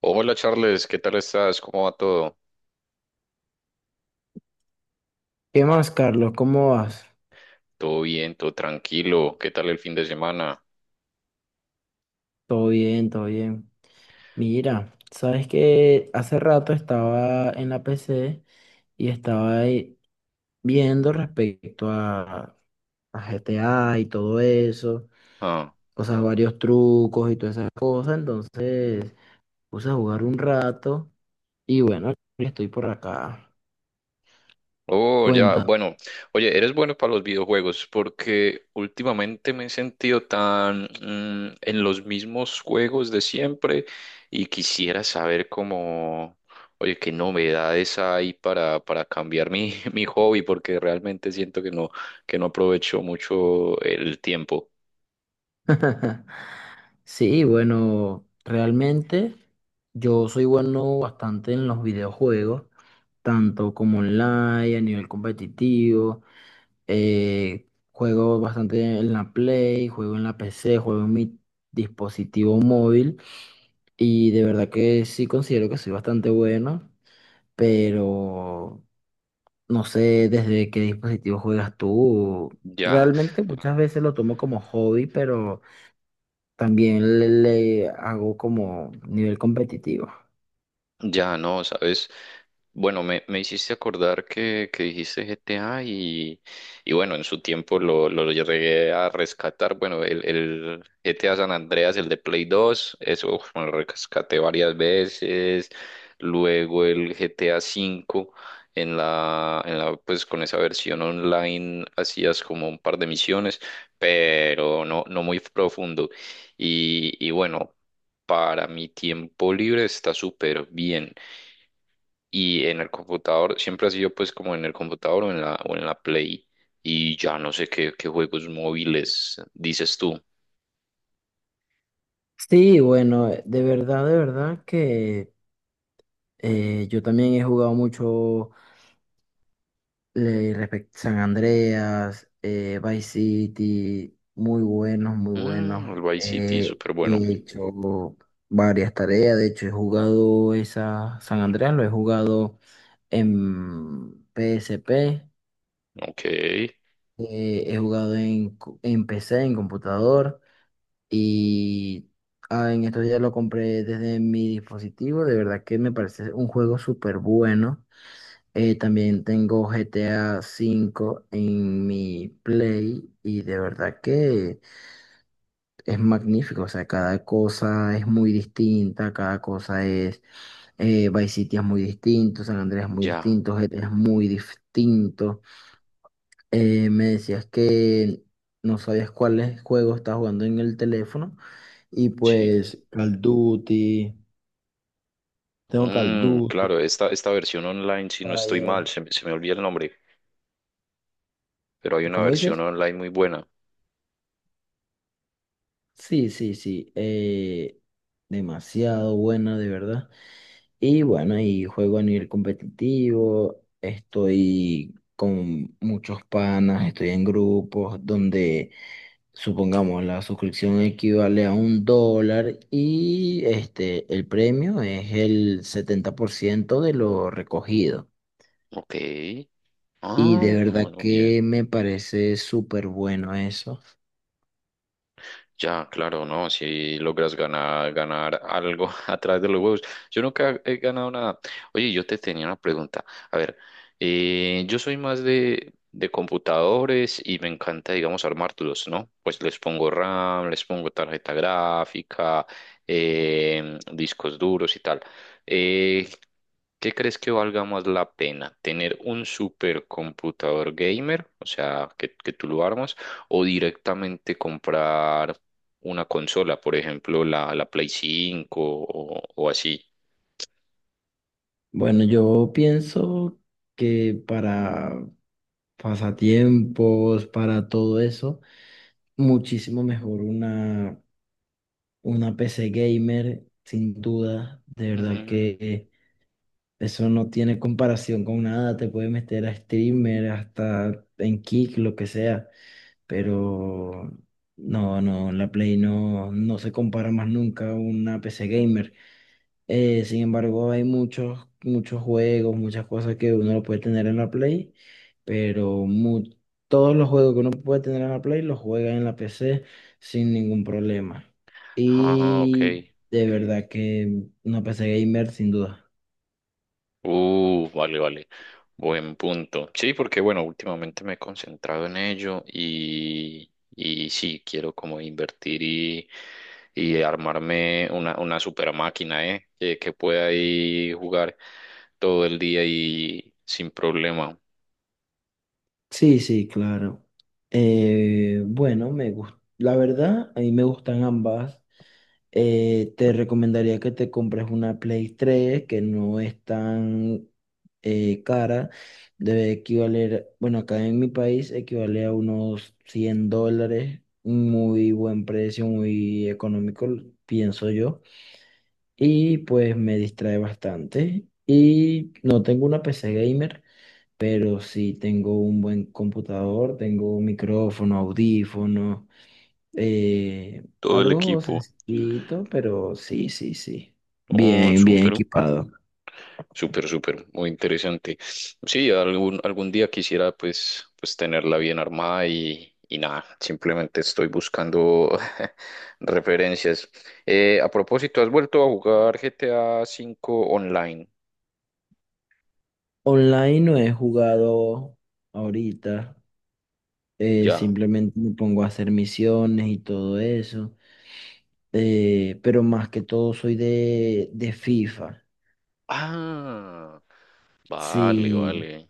Hola Charles, ¿qué tal estás? ¿Cómo va todo? ¿Qué más, Carlos? ¿Cómo vas? ¿Todo bien? ¿Todo tranquilo? ¿Qué tal el fin de semana? Todo bien, todo bien. Mira, sabes que hace rato estaba en la PC y estaba ahí viendo respecto a GTA y todo eso, Ah, o sea, varios trucos y todas esas cosas. Entonces puse a jugar un rato y bueno, estoy por acá. oh, ya, Cuenta. bueno. Oye, eres bueno para los videojuegos porque últimamente me he sentido tan en los mismos juegos de siempre y quisiera saber cómo, oye, qué novedades hay para cambiar mi, mi hobby porque realmente siento que no aprovecho mucho el tiempo. Sí, bueno, realmente yo soy bueno bastante en los videojuegos, tanto como online, a nivel competitivo, juego bastante en la Play, juego en la PC, juego en mi dispositivo móvil y de verdad que sí considero que soy bastante bueno, pero no sé desde qué dispositivo juegas tú. Ya. Realmente muchas veces lo tomo como hobby, pero también le hago como nivel competitivo. Ya no, ¿sabes? Bueno, me hiciste acordar que dijiste GTA y bueno, en su tiempo lo llegué a rescatar. Bueno, el GTA San Andreas, el de Play dos, eso uf, me lo rescaté varias veces. Luego el GTA cinco en la, pues con esa versión online hacías como un par de misiones, pero no muy profundo. Y bueno. Para mi tiempo libre está súper bien. Y en el computador, siempre ha sido pues como en el computador o en la Play. Y ya no sé qué juegos móviles dices tú. Sí, bueno, de verdad que yo también he jugado mucho San Andreas, Vice City, muy buenos, muy buenos. El Vice City, súper bueno. He hecho varias tareas, de hecho he jugado esa San Andreas, lo he jugado en PSP, Ok, he jugado en PC, en computador. Y en esto ya lo compré desde mi dispositivo. De verdad que me parece un juego súper bueno. También tengo GTA 5 en mi Play y de verdad que es magnífico. O sea, cada cosa es muy distinta, Vice City es muy distinto, San Andreas es muy ya, distinto, GTA es muy distinto. Me decías que no sabías cuáles juegos estás jugando en el teléfono. Y sí. pues Call Duty, tengo Call Mm, Duty, claro, esta versión online, si no estoy Fire. mal, se me olvida el nombre, pero hay una ¿Cómo versión dices? online muy buena. Sí, sí, sí. Demasiado buena, de verdad. Y bueno, y juego a nivel competitivo. Estoy con muchos panas, estoy en grupos donde, supongamos, la suscripción equivale a un dólar y este, el premio es el 70% de lo recogido. Ok. Y de Ah, verdad bueno, bien. que me parece súper bueno eso. Ya, claro, no, si logras ganar algo a través de los huevos. Yo nunca he ganado nada. Oye, yo te tenía una pregunta. A ver, yo soy más de computadores y me encanta, digamos, armarlos, ¿no? Pues les pongo RAM, les pongo tarjeta gráfica, discos duros y tal. Eh, ¿Qué crees que valga más la pena? ¿Tener un supercomputador gamer, o sea, que tú lo armas, o directamente comprar una consola, por ejemplo, la Play 5 o así? Bueno, yo pienso que para pasatiempos, para todo eso, muchísimo mejor una PC gamer, sin duda. De verdad Mm, que eso no tiene comparación con nada. Te puedes meter a streamer, hasta en Kick, lo que sea. Pero no, no, la Play no, no se compara más nunca a una PC gamer. Sin embargo, hay muchos, muchos juegos, muchas cosas que uno lo puede tener en la Play, pero todos los juegos que uno puede tener en la Play los juega en la PC sin ningún problema. ah, ok. Y de verdad que una PC gamer sin duda. Vale, vale. Buen punto. Sí, porque bueno, últimamente me he concentrado en ello y sí, quiero como invertir y armarme una super máquina, ¿eh? Que pueda ahí jugar todo el día y sin problema. Sí, sí, claro. Bueno, me gusta. La verdad, a mí me gustan ambas. Te recomendaría que te compres una Play 3 que no es tan cara. Debe equivaler, bueno, acá en mi país equivale a unos 100 dólares. Muy buen precio, muy económico, pienso yo. Y pues me distrae bastante. Y no tengo una PC gamer, pero sí tengo un buen computador, tengo un micrófono, audífonos. Eh, Todo el Algo equipo. sencillito, pero sí, sí, sí. Oh, Bien, bien súper. equipado. Súper, súper, muy interesante. Sí, algún día quisiera pues tenerla bien armada y nada, simplemente estoy buscando referencias. A propósito, ¿has vuelto a jugar GTA 5 online? Online no he jugado ahorita. Ya. Simplemente me pongo a hacer misiones y todo eso. Pero más que todo soy de FIFA. Ah, vale, Sí. vale.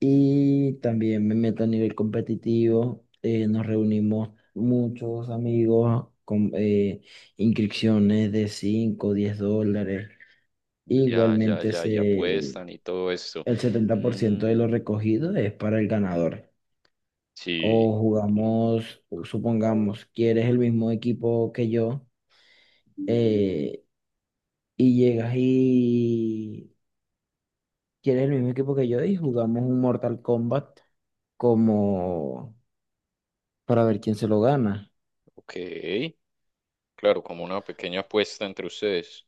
Y también me meto a nivel competitivo. Nos reunimos muchos amigos con inscripciones de 5 10 dólares. Ya, ya, Igualmente, ya, y apuestan y todo esto. el 70% de Mm, lo recogido es para el ganador. O sí, jugamos, o supongamos, quieres el mismo equipo que yo eh, y llegas y quieres el mismo equipo que yo y jugamos un Mortal Kombat como para ver quién se lo gana. ok. Claro, como una pequeña apuesta entre ustedes.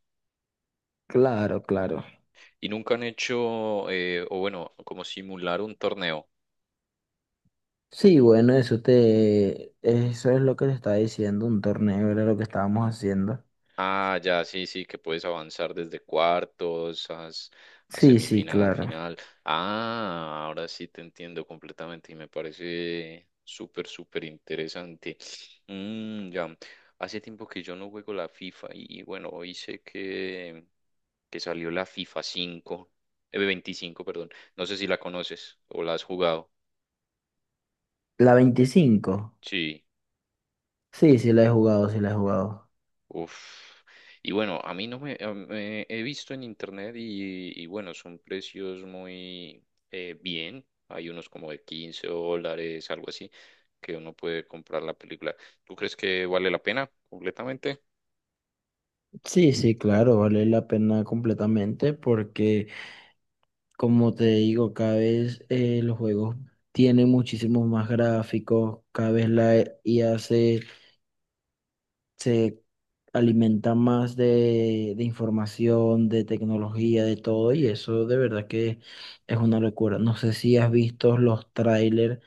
Claro, claro. Y nunca han hecho, o bueno, como simular un torneo. Sí, bueno, eso es lo que te estaba diciendo, un torneo era lo que estábamos haciendo. Ah, ya, sí, sí, que puedes avanzar desde cuartos a Sí, sí, semifinal, claro. final. Ah, ahora sí te entiendo completamente y me parece súper, súper interesante. Mm, ya, hace tiempo que yo no juego la FIFA y bueno, hoy sé que salió la FIFA 5, 25, perdón. No sé si la conoces o la has jugado. La 25. Sí. Sí, sí la he jugado, sí la he jugado. Uf. Y bueno, a mí no me, he visto en internet y bueno, son precios muy bien. Hay unos como de $15, algo así, que uno puede comprar la película. ¿Tú crees que vale la pena completamente? Sí, sí, claro, vale la pena completamente porque, como te digo, cada vez los juegos tienen muchísimos más gráficos, cada vez la IA se alimenta más de información, de tecnología, de todo, y eso de verdad que es una locura. No sé si has visto los trailers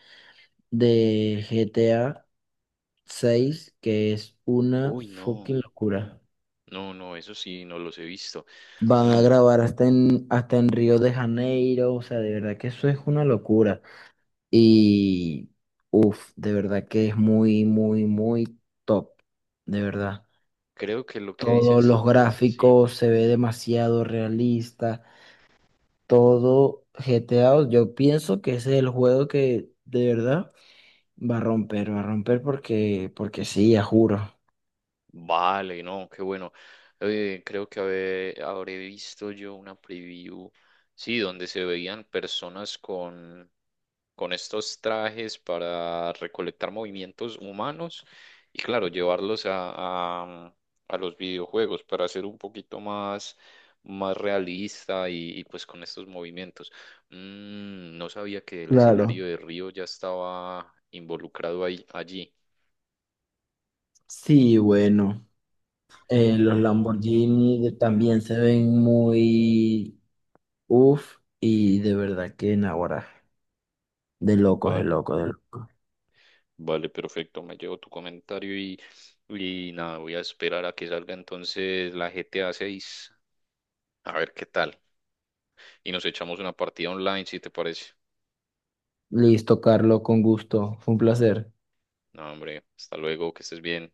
de GTA 6 que es una Uy, no. fucking locura. No, no, eso sí, no los he visto. Van a Mm, grabar hasta en Río de Janeiro, o sea, de verdad que eso es una locura. Y, uff, de verdad que es muy, muy, muy top, de verdad. Creo que lo que Todos dices, los sí. gráficos se ve demasiado realista, todo GTA, yo pienso que ese es el juego que de verdad va a romper porque sí, ya juro. Vale, no, qué bueno. Creo que habré visto yo una preview, sí, donde se veían personas con estos trajes para recolectar movimientos humanos y claro, llevarlos a los videojuegos para hacer un poquito más realista y, pues con estos movimientos. No sabía que el Claro. escenario de Río ya estaba involucrado ahí, allí. Sí, bueno, los Lamborghini también se ven uf, y de verdad que en ahora, de locos, de Vale, locos, de locos. vale, perfecto. Me llevo tu comentario y nada, voy a esperar a que salga entonces la GTA 6. A seis, a ver qué tal. Y nos echamos una partida online, si te parece. Listo, Carlos, con gusto. Fue un placer. No, hombre, hasta luego, que estés bien.